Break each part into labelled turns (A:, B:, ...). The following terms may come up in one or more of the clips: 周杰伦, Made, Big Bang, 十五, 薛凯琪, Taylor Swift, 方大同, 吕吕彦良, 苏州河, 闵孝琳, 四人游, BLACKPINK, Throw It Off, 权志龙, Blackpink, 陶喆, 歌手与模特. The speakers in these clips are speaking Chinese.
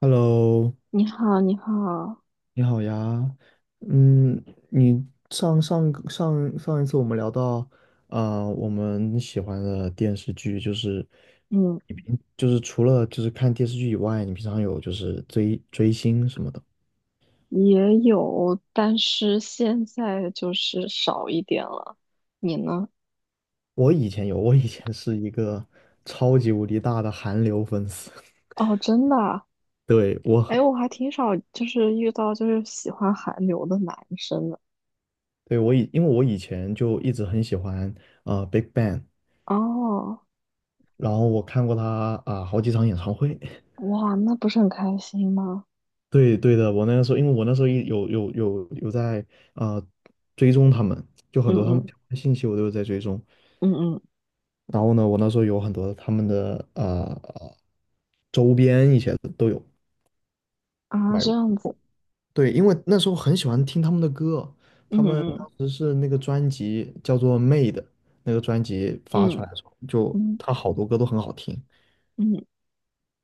A: Hello，
B: 你好，你好。
A: 你好呀。嗯，你上上一次我们聊到，我们喜欢的电视剧就是，
B: 嗯，
A: 就是除了就是看电视剧以外，你平常有就是追星什么的。
B: 也有，但是现在就是少一点了。你呢？
A: 我以前有，我以前是一个超级无敌大的韩流粉丝。
B: 哦，真的啊？
A: 对，
B: 哎，我还挺少，就是遇到就是喜欢韩流的男生的。
A: 对，因为我以前就一直很喜欢Big Bang，
B: 哦，
A: 然后我看过他好几场演唱会。
B: 哇，那不是很开心吗？
A: 对对的，我那个时候，因为我那时候一有有有有在啊、呃追踪他们，就很
B: 嗯
A: 多他们相
B: 嗯，
A: 关的信息我都有在追踪。
B: 嗯嗯，
A: 然后呢，我那时候有很多他们的周边一些的都有
B: 啊，
A: 买
B: 这
A: 过。
B: 样子。
A: 对，因为那时候很喜欢听他们的歌，他
B: 嗯
A: 们
B: 嗯，
A: 当时是那个专辑叫做《Made》，那个专辑发出
B: 嗯
A: 来的时候，就
B: 嗯
A: 他好多歌都很好听，
B: 嗯。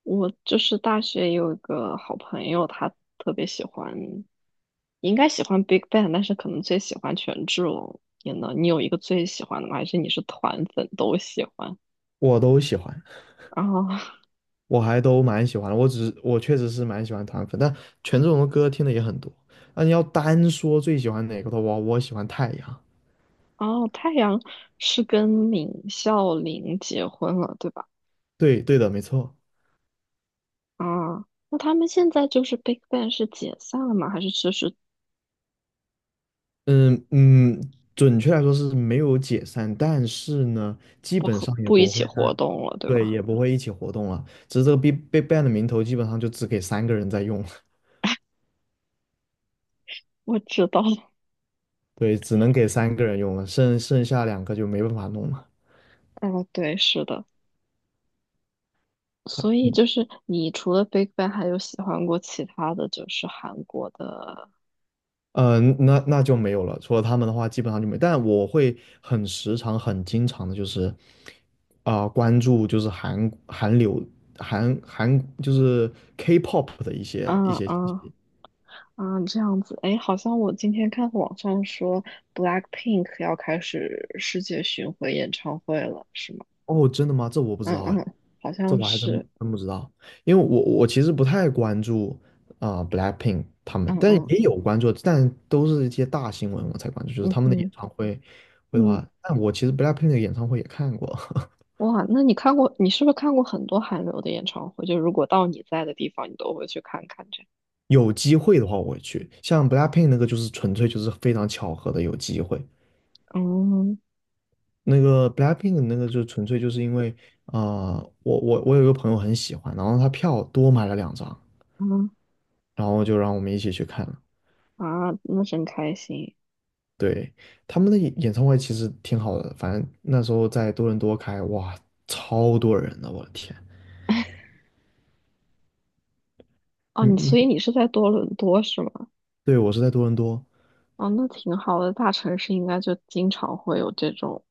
B: 我就是大学有一个好朋友，他特别喜欢，应该喜欢 Big Bang，但是可能最喜欢权志龙。你呢？你有一个最喜欢的吗？还是你是团粉都喜欢？
A: 我都喜欢。
B: 然后，
A: 我还都蛮喜欢的，我只是我确实是蛮喜欢团粉，但权志龙的歌听的也很多。那你要单说最喜欢哪个的话，我喜欢太阳。
B: 哦，太阳是跟闵孝琳结婚了，对吧？
A: 对对的，没错。
B: 啊，那他们现在就是 Big Bang 是解散了吗？还是就是
A: 嗯嗯，准确来说是没有解散，但是呢，基
B: 不
A: 本
B: 和
A: 上也
B: 不一
A: 不会
B: 起活
A: 在，
B: 动了，对
A: 对，
B: 吧？
A: 也不会一起活动了。只是这个 Big Bang 的名头基本上就只给三个人在用了，
B: 我知道了。
A: 对，只能给三个人用了，剩下两个就没办法弄了。
B: 哦，对，是的。所以就是你除了 Big Bang 还有喜欢过其他的就是韩国的。
A: 嗯，那就没有了。除了他们的话，基本上就没。但我会很时常、很经常的，就是关注就是韩流、就是 K-pop 的一些一
B: 嗯
A: 些信
B: 嗯，
A: 息。
B: 嗯，这样子。哎，好像我今天看网上说 BLACKPINK 要开始世界巡回演唱会了，是吗？
A: 哦，真的吗？这我不知
B: 嗯
A: 道哎，
B: 嗯，好
A: 这
B: 像
A: 我还真
B: 是。
A: 真不知道。因为我其实不太关注Blackpink 他们，
B: 嗯
A: 但
B: 嗯，
A: 也有关注，但都是一些大新闻我才关注，就是
B: 嗯
A: 他们的演
B: 嗯
A: 唱会会的
B: 嗯，
A: 话，但我其实 Blackpink 的演唱会也看过。
B: 哇，那你看过，你是不是看过很多韩流的演唱会？就如果到你在的地方，你都会去看看这样。
A: 有机会的话我会去，像 BLACKPINK 那个就是纯粹就是非常巧合的有机会，
B: 嗯
A: 那个 BLACKPINK 那个就纯粹就是因为啊、我有一个朋友很喜欢，然后他票多买了2张，
B: 嗯，
A: 然后就让我们一起去看了。
B: 嗯啊，那真开心。
A: 对，他们的演唱会其实挺好的，反正那时候在多伦多开，哇，超多人的，我的天！
B: 哦，
A: 嗯
B: 你
A: 嗯，
B: 所以你是在多伦多是吗？
A: 对我是在多伦多，
B: 哦，那挺好的。大城市应该就经常会有这种，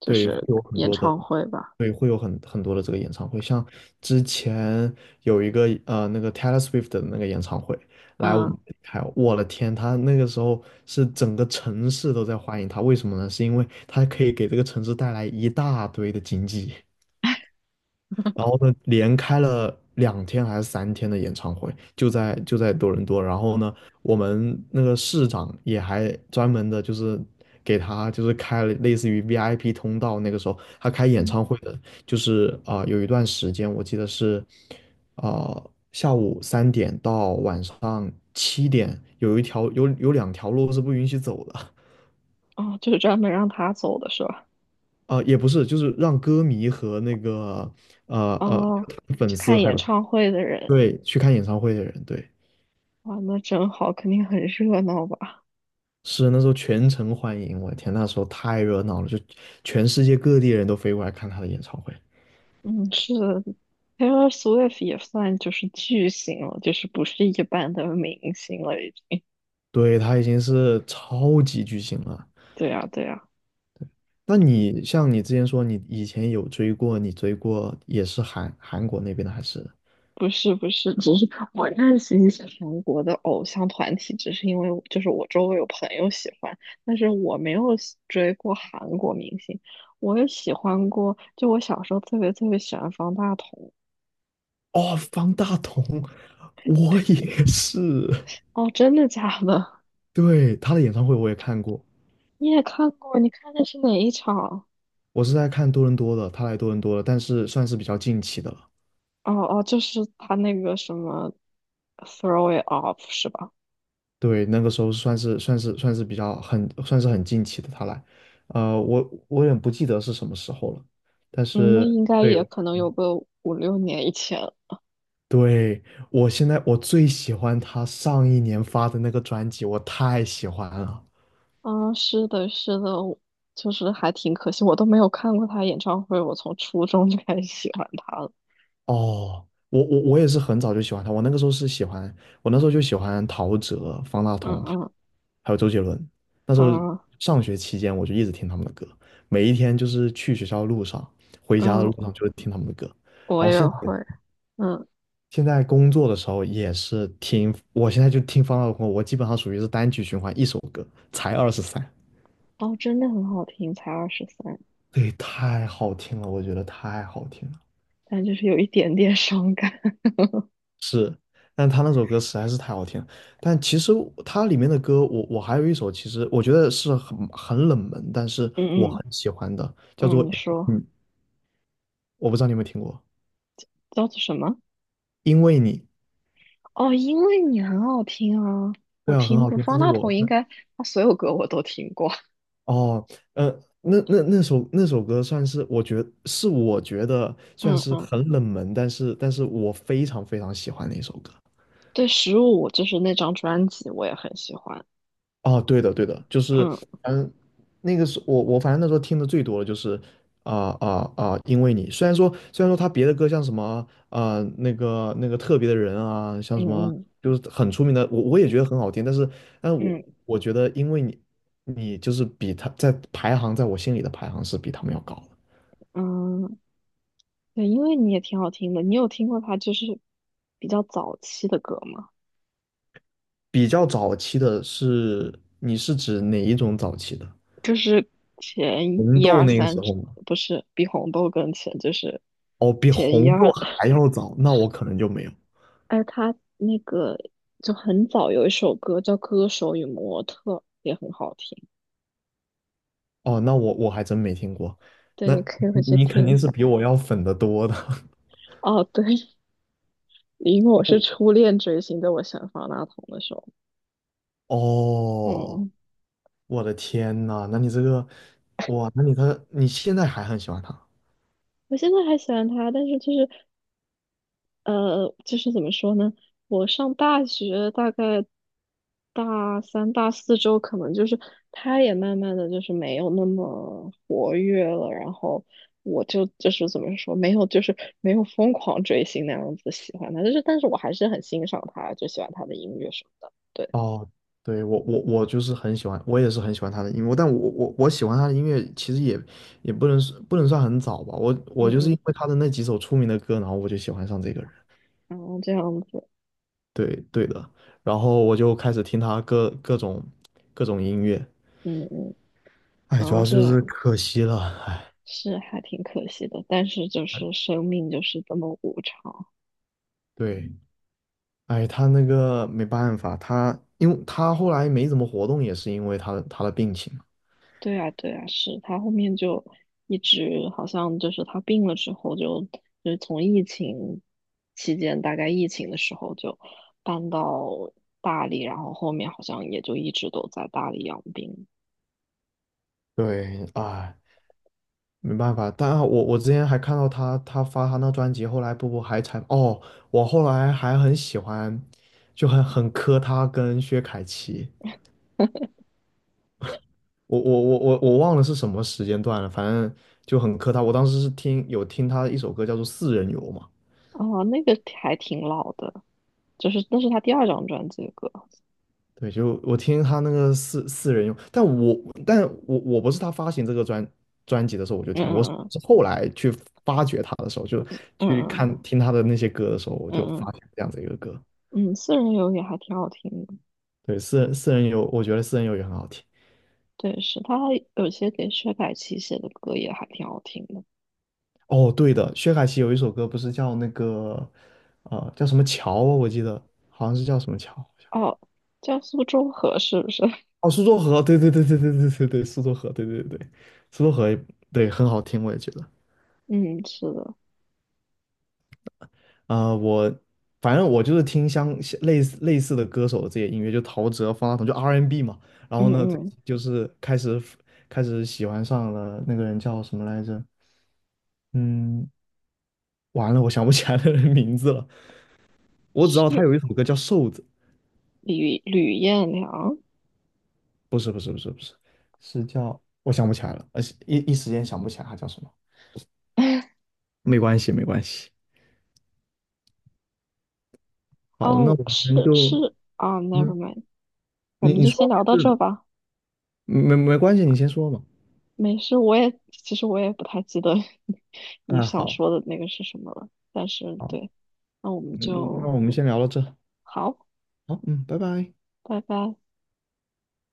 B: 就
A: 对，会
B: 是
A: 有很
B: 演
A: 多的，
B: 唱会吧？
A: 对，会有很多的这个演唱会，像之前有一个那个 Taylor Swift 的那个演唱会来我们
B: 嗯，
A: 这里开我的天，他那个时候是整个城市都在欢迎他，为什么呢？是因为他可以给这个城市带来一大堆的经济。然后呢，连开了2天还是3天的演唱会，就在多伦多。然后呢，我们那个市长也还专门的，就是给他就是开了类似于 VIP 通道。那个时候他开演
B: 嗯。
A: 唱会的，就是有一段时间我记得是啊、下午3点到晚上7点，有2条路是不允许走的。
B: 哦，就是专门让他走的是吧？
A: 也不是，就是让歌迷和那个呃呃
B: 哦，去
A: 粉丝
B: 看
A: 还
B: 演
A: 有
B: 唱会的人，
A: 对，去看演唱会的人，对，
B: 哇，那真好，肯定很热闹吧？
A: 是那时候全城欢迎，我的天，那时候太热闹了，就全世界各地人都飞过来看他的演唱会。
B: 嗯，是的，Taylor Swift 也算就是巨星了，就是不是一般的明星了，已经。
A: 对，他已经是超级巨星了。
B: 对呀，对呀。
A: 那你像你之前说，你以前有追过，你追过也是韩国那边的，还是？
B: 不是不是，只是我认识一些韩国的偶像团体，只是因为我就是我周围有朋友喜欢，但是我没有喜追过韩国明星。我也喜欢过，就我小时候特别特别喜欢方大同。
A: 哦，方大同，我也是。
B: 哦，真的假的？
A: 对，他的演唱会我也看过，
B: 你也看过？你看的是哪一场？
A: 我是在看多伦多的，他来多伦多了，但是算是比较近期的了。
B: 哦哦，就是他那个什么《Throw It Off》是吧？
A: 对，那个时候算是比较很算是很近期的他来，呃，我我有点不记得是什么时候了，但
B: 嗯，那
A: 是
B: 应 该
A: 对
B: 也可能有个五六年以前。
A: 对，我现在我最喜欢他上一年发的那个专辑，我太喜欢了。
B: 啊，是的，是的，我就是还挺可惜，我都没有看过他演唱会，我从初中就开始喜欢他了。
A: 哦，我也是很早就喜欢他，我那个时候是喜欢，我那时候就喜欢陶喆、方大
B: 嗯
A: 同，
B: 嗯，
A: 还有周杰伦。那时候
B: 嗯
A: 上学期间我就一直听他们的歌，每一天就是去学校的路上，回家的
B: 嗯，
A: 路上就会听他们的歌。然
B: 我
A: 后
B: 也
A: 现在。
B: 会。嗯，
A: 现在工作的时候也是听，我现在就听方大同，我基本上属于是单曲循环一首歌，才二十三，
B: 哦，真的很好听，才二十三，
A: 对，太好听了，我觉得太好听了。
B: 但就是有一点点伤感。
A: 是，但他那首歌实在是太好听了。但其实它里面的歌，我还有一首，其实我觉得是很冷门，但是我
B: 嗯嗯，
A: 很喜欢的，叫做
B: 嗯，你说
A: 嗯，我不知道你有没有听过，
B: 叫做什么？
A: 因为你，
B: 哦，因为你很好听啊，我
A: 对啊，很
B: 听
A: 好
B: 过
A: 听，这
B: 方
A: 是
B: 大
A: 我。
B: 同，应该他所有歌我都听过。
A: 哦，呃，那首歌算是我觉得 算
B: 嗯
A: 是
B: 嗯，
A: 很冷门，但是我非常非常喜欢的一首歌。
B: 对，《十五》就是那张专辑，我也很喜欢。
A: 哦，对的对的，就是
B: 嗯
A: 嗯，那个是我反正那时候听的最多的就是因为你虽然说他别的歌像什么那个特别的人啊，像什么
B: 嗯，
A: 就是很出名的，我也觉得很好听，但是但我
B: 嗯嗯，
A: 我觉得因为你就是比他在排行在我心里的排行是比他们要高的。
B: 嗯。对，因为你也挺好听的，你有听过他就是比较早期的歌吗？
A: 比较早期的是，你是指哪一种早期的？
B: 前
A: 红
B: 一
A: 豆
B: 二
A: 那个时
B: 三之。
A: 候吗？
B: 不是比红豆更前，就是
A: 哦，比
B: 前一
A: 红豆
B: 二。
A: 还要早，那我可能就没有。
B: 哎，他那个就很早有一首歌叫《歌手与模特》，也很好听。
A: 哦，那我还真没听过。
B: 对，
A: 那
B: 你可以回去
A: 你肯
B: 听一
A: 定是
B: 下。
A: 比我要粉的多的。
B: 哦，对，因为我是 初恋追星，对我喜欢方大同的时候，
A: 哦，
B: 嗯，
A: 我的天呐，那你这个，哇，那你你现在还很喜欢他？
B: 我现在还喜欢他，但是就是。就是怎么说呢？我上大学大概大三、大四之后，可能就是他也慢慢的就是没有那么活跃了，然后我就是怎么说，没有就是没有疯狂追星那样子喜欢他，就是但是我还是很欣赏他，就喜欢他的音乐什么的。对，
A: 哦，对，我就是很喜欢，我也是很喜欢他的音乐，但我喜欢他的音乐其实也不能算很早吧，我
B: 嗯
A: 就是
B: 嗯，
A: 因为他的那几首出名的歌，然后我就喜欢上这个人，
B: 然后这样子，
A: 对对的，然后我就开始听他各种音乐，
B: 嗯嗯，
A: 哎，
B: 然
A: 主
B: 后
A: 要
B: 这
A: 就是
B: 样
A: 可惜了，哎，
B: 是还挺可惜的，但是就是生命就是这么无常。
A: 对，哎，他那个没办法，他因为他后来没怎么活动，也是因为他的病情，
B: 对啊，对啊，是他后面就一直好像就是他病了之后就，就是从疫情期间，大概疫情的时候就搬到大理，然后后面好像也就一直都在大理养病。
A: 对，哎。没办法，但我之前还看到他，他发他那专辑，后来不还才哦，我后来还很喜欢，就很磕他跟薛凯琪，我忘了是什么时间段了，反正就很磕他。我当时是听他一首歌叫做《四人游》嘛，
B: 哦，那个还挺老的，就是那是他第二张专辑的歌。
A: 对，就我听他那个四人游，但我不是他发行这个专辑的时候我就
B: 嗯
A: 听了，我是
B: 嗯，
A: 是后来去发掘他的时候，就去
B: 嗯
A: 听他的那些歌的时候，我
B: 嗯，
A: 就
B: 嗯
A: 发现这样子一个歌。
B: 嗯，私人游也还挺好听的。
A: 对，私人游，我觉得私人游也很好听。
B: 对，是他有些给薛凯琪写的歌也还挺好听的。
A: 哦，对的，薛凯琪有一首歌不是叫那个，叫什么桥啊？我记得好像是叫什么桥，好像
B: 哦，叫苏州河是不是？
A: 哦，苏州河，对对对对对对对对，苏州河，对对对对，苏州河也，对，很好听，我也觉得。
B: 嗯，是的，
A: 我反正我就是听类似的歌手的这些音乐，就陶喆、方大同，就 R&B 嘛。然后
B: 嗯
A: 呢，最
B: 嗯，
A: 近就是开始喜欢上了那个人叫什么来着？嗯，完了，我想不起来那个人名字了。我只知道他
B: 是
A: 有一首歌叫《瘦子》，
B: 吕彦良。
A: 不是不是不是不是，是叫我想不起来了，而且一时间想不起来他叫什么。没关系没关系，好，那
B: 哦，
A: 我
B: 是
A: 们就
B: 是啊
A: 嗯，
B: ，never mind,我
A: 你
B: 们
A: 你
B: 就先
A: 说
B: 聊到
A: 没事
B: 这
A: 的
B: 吧。
A: 没关系，你先说嘛。
B: 没事，我也其实我也不太记得 你
A: 啊，
B: 想
A: 好
B: 说的那个是什么了，但是
A: 好，
B: 对，那我们
A: 嗯，那
B: 就。
A: 我们先聊到这。
B: 好，
A: 好，嗯，拜拜。
B: 拜拜。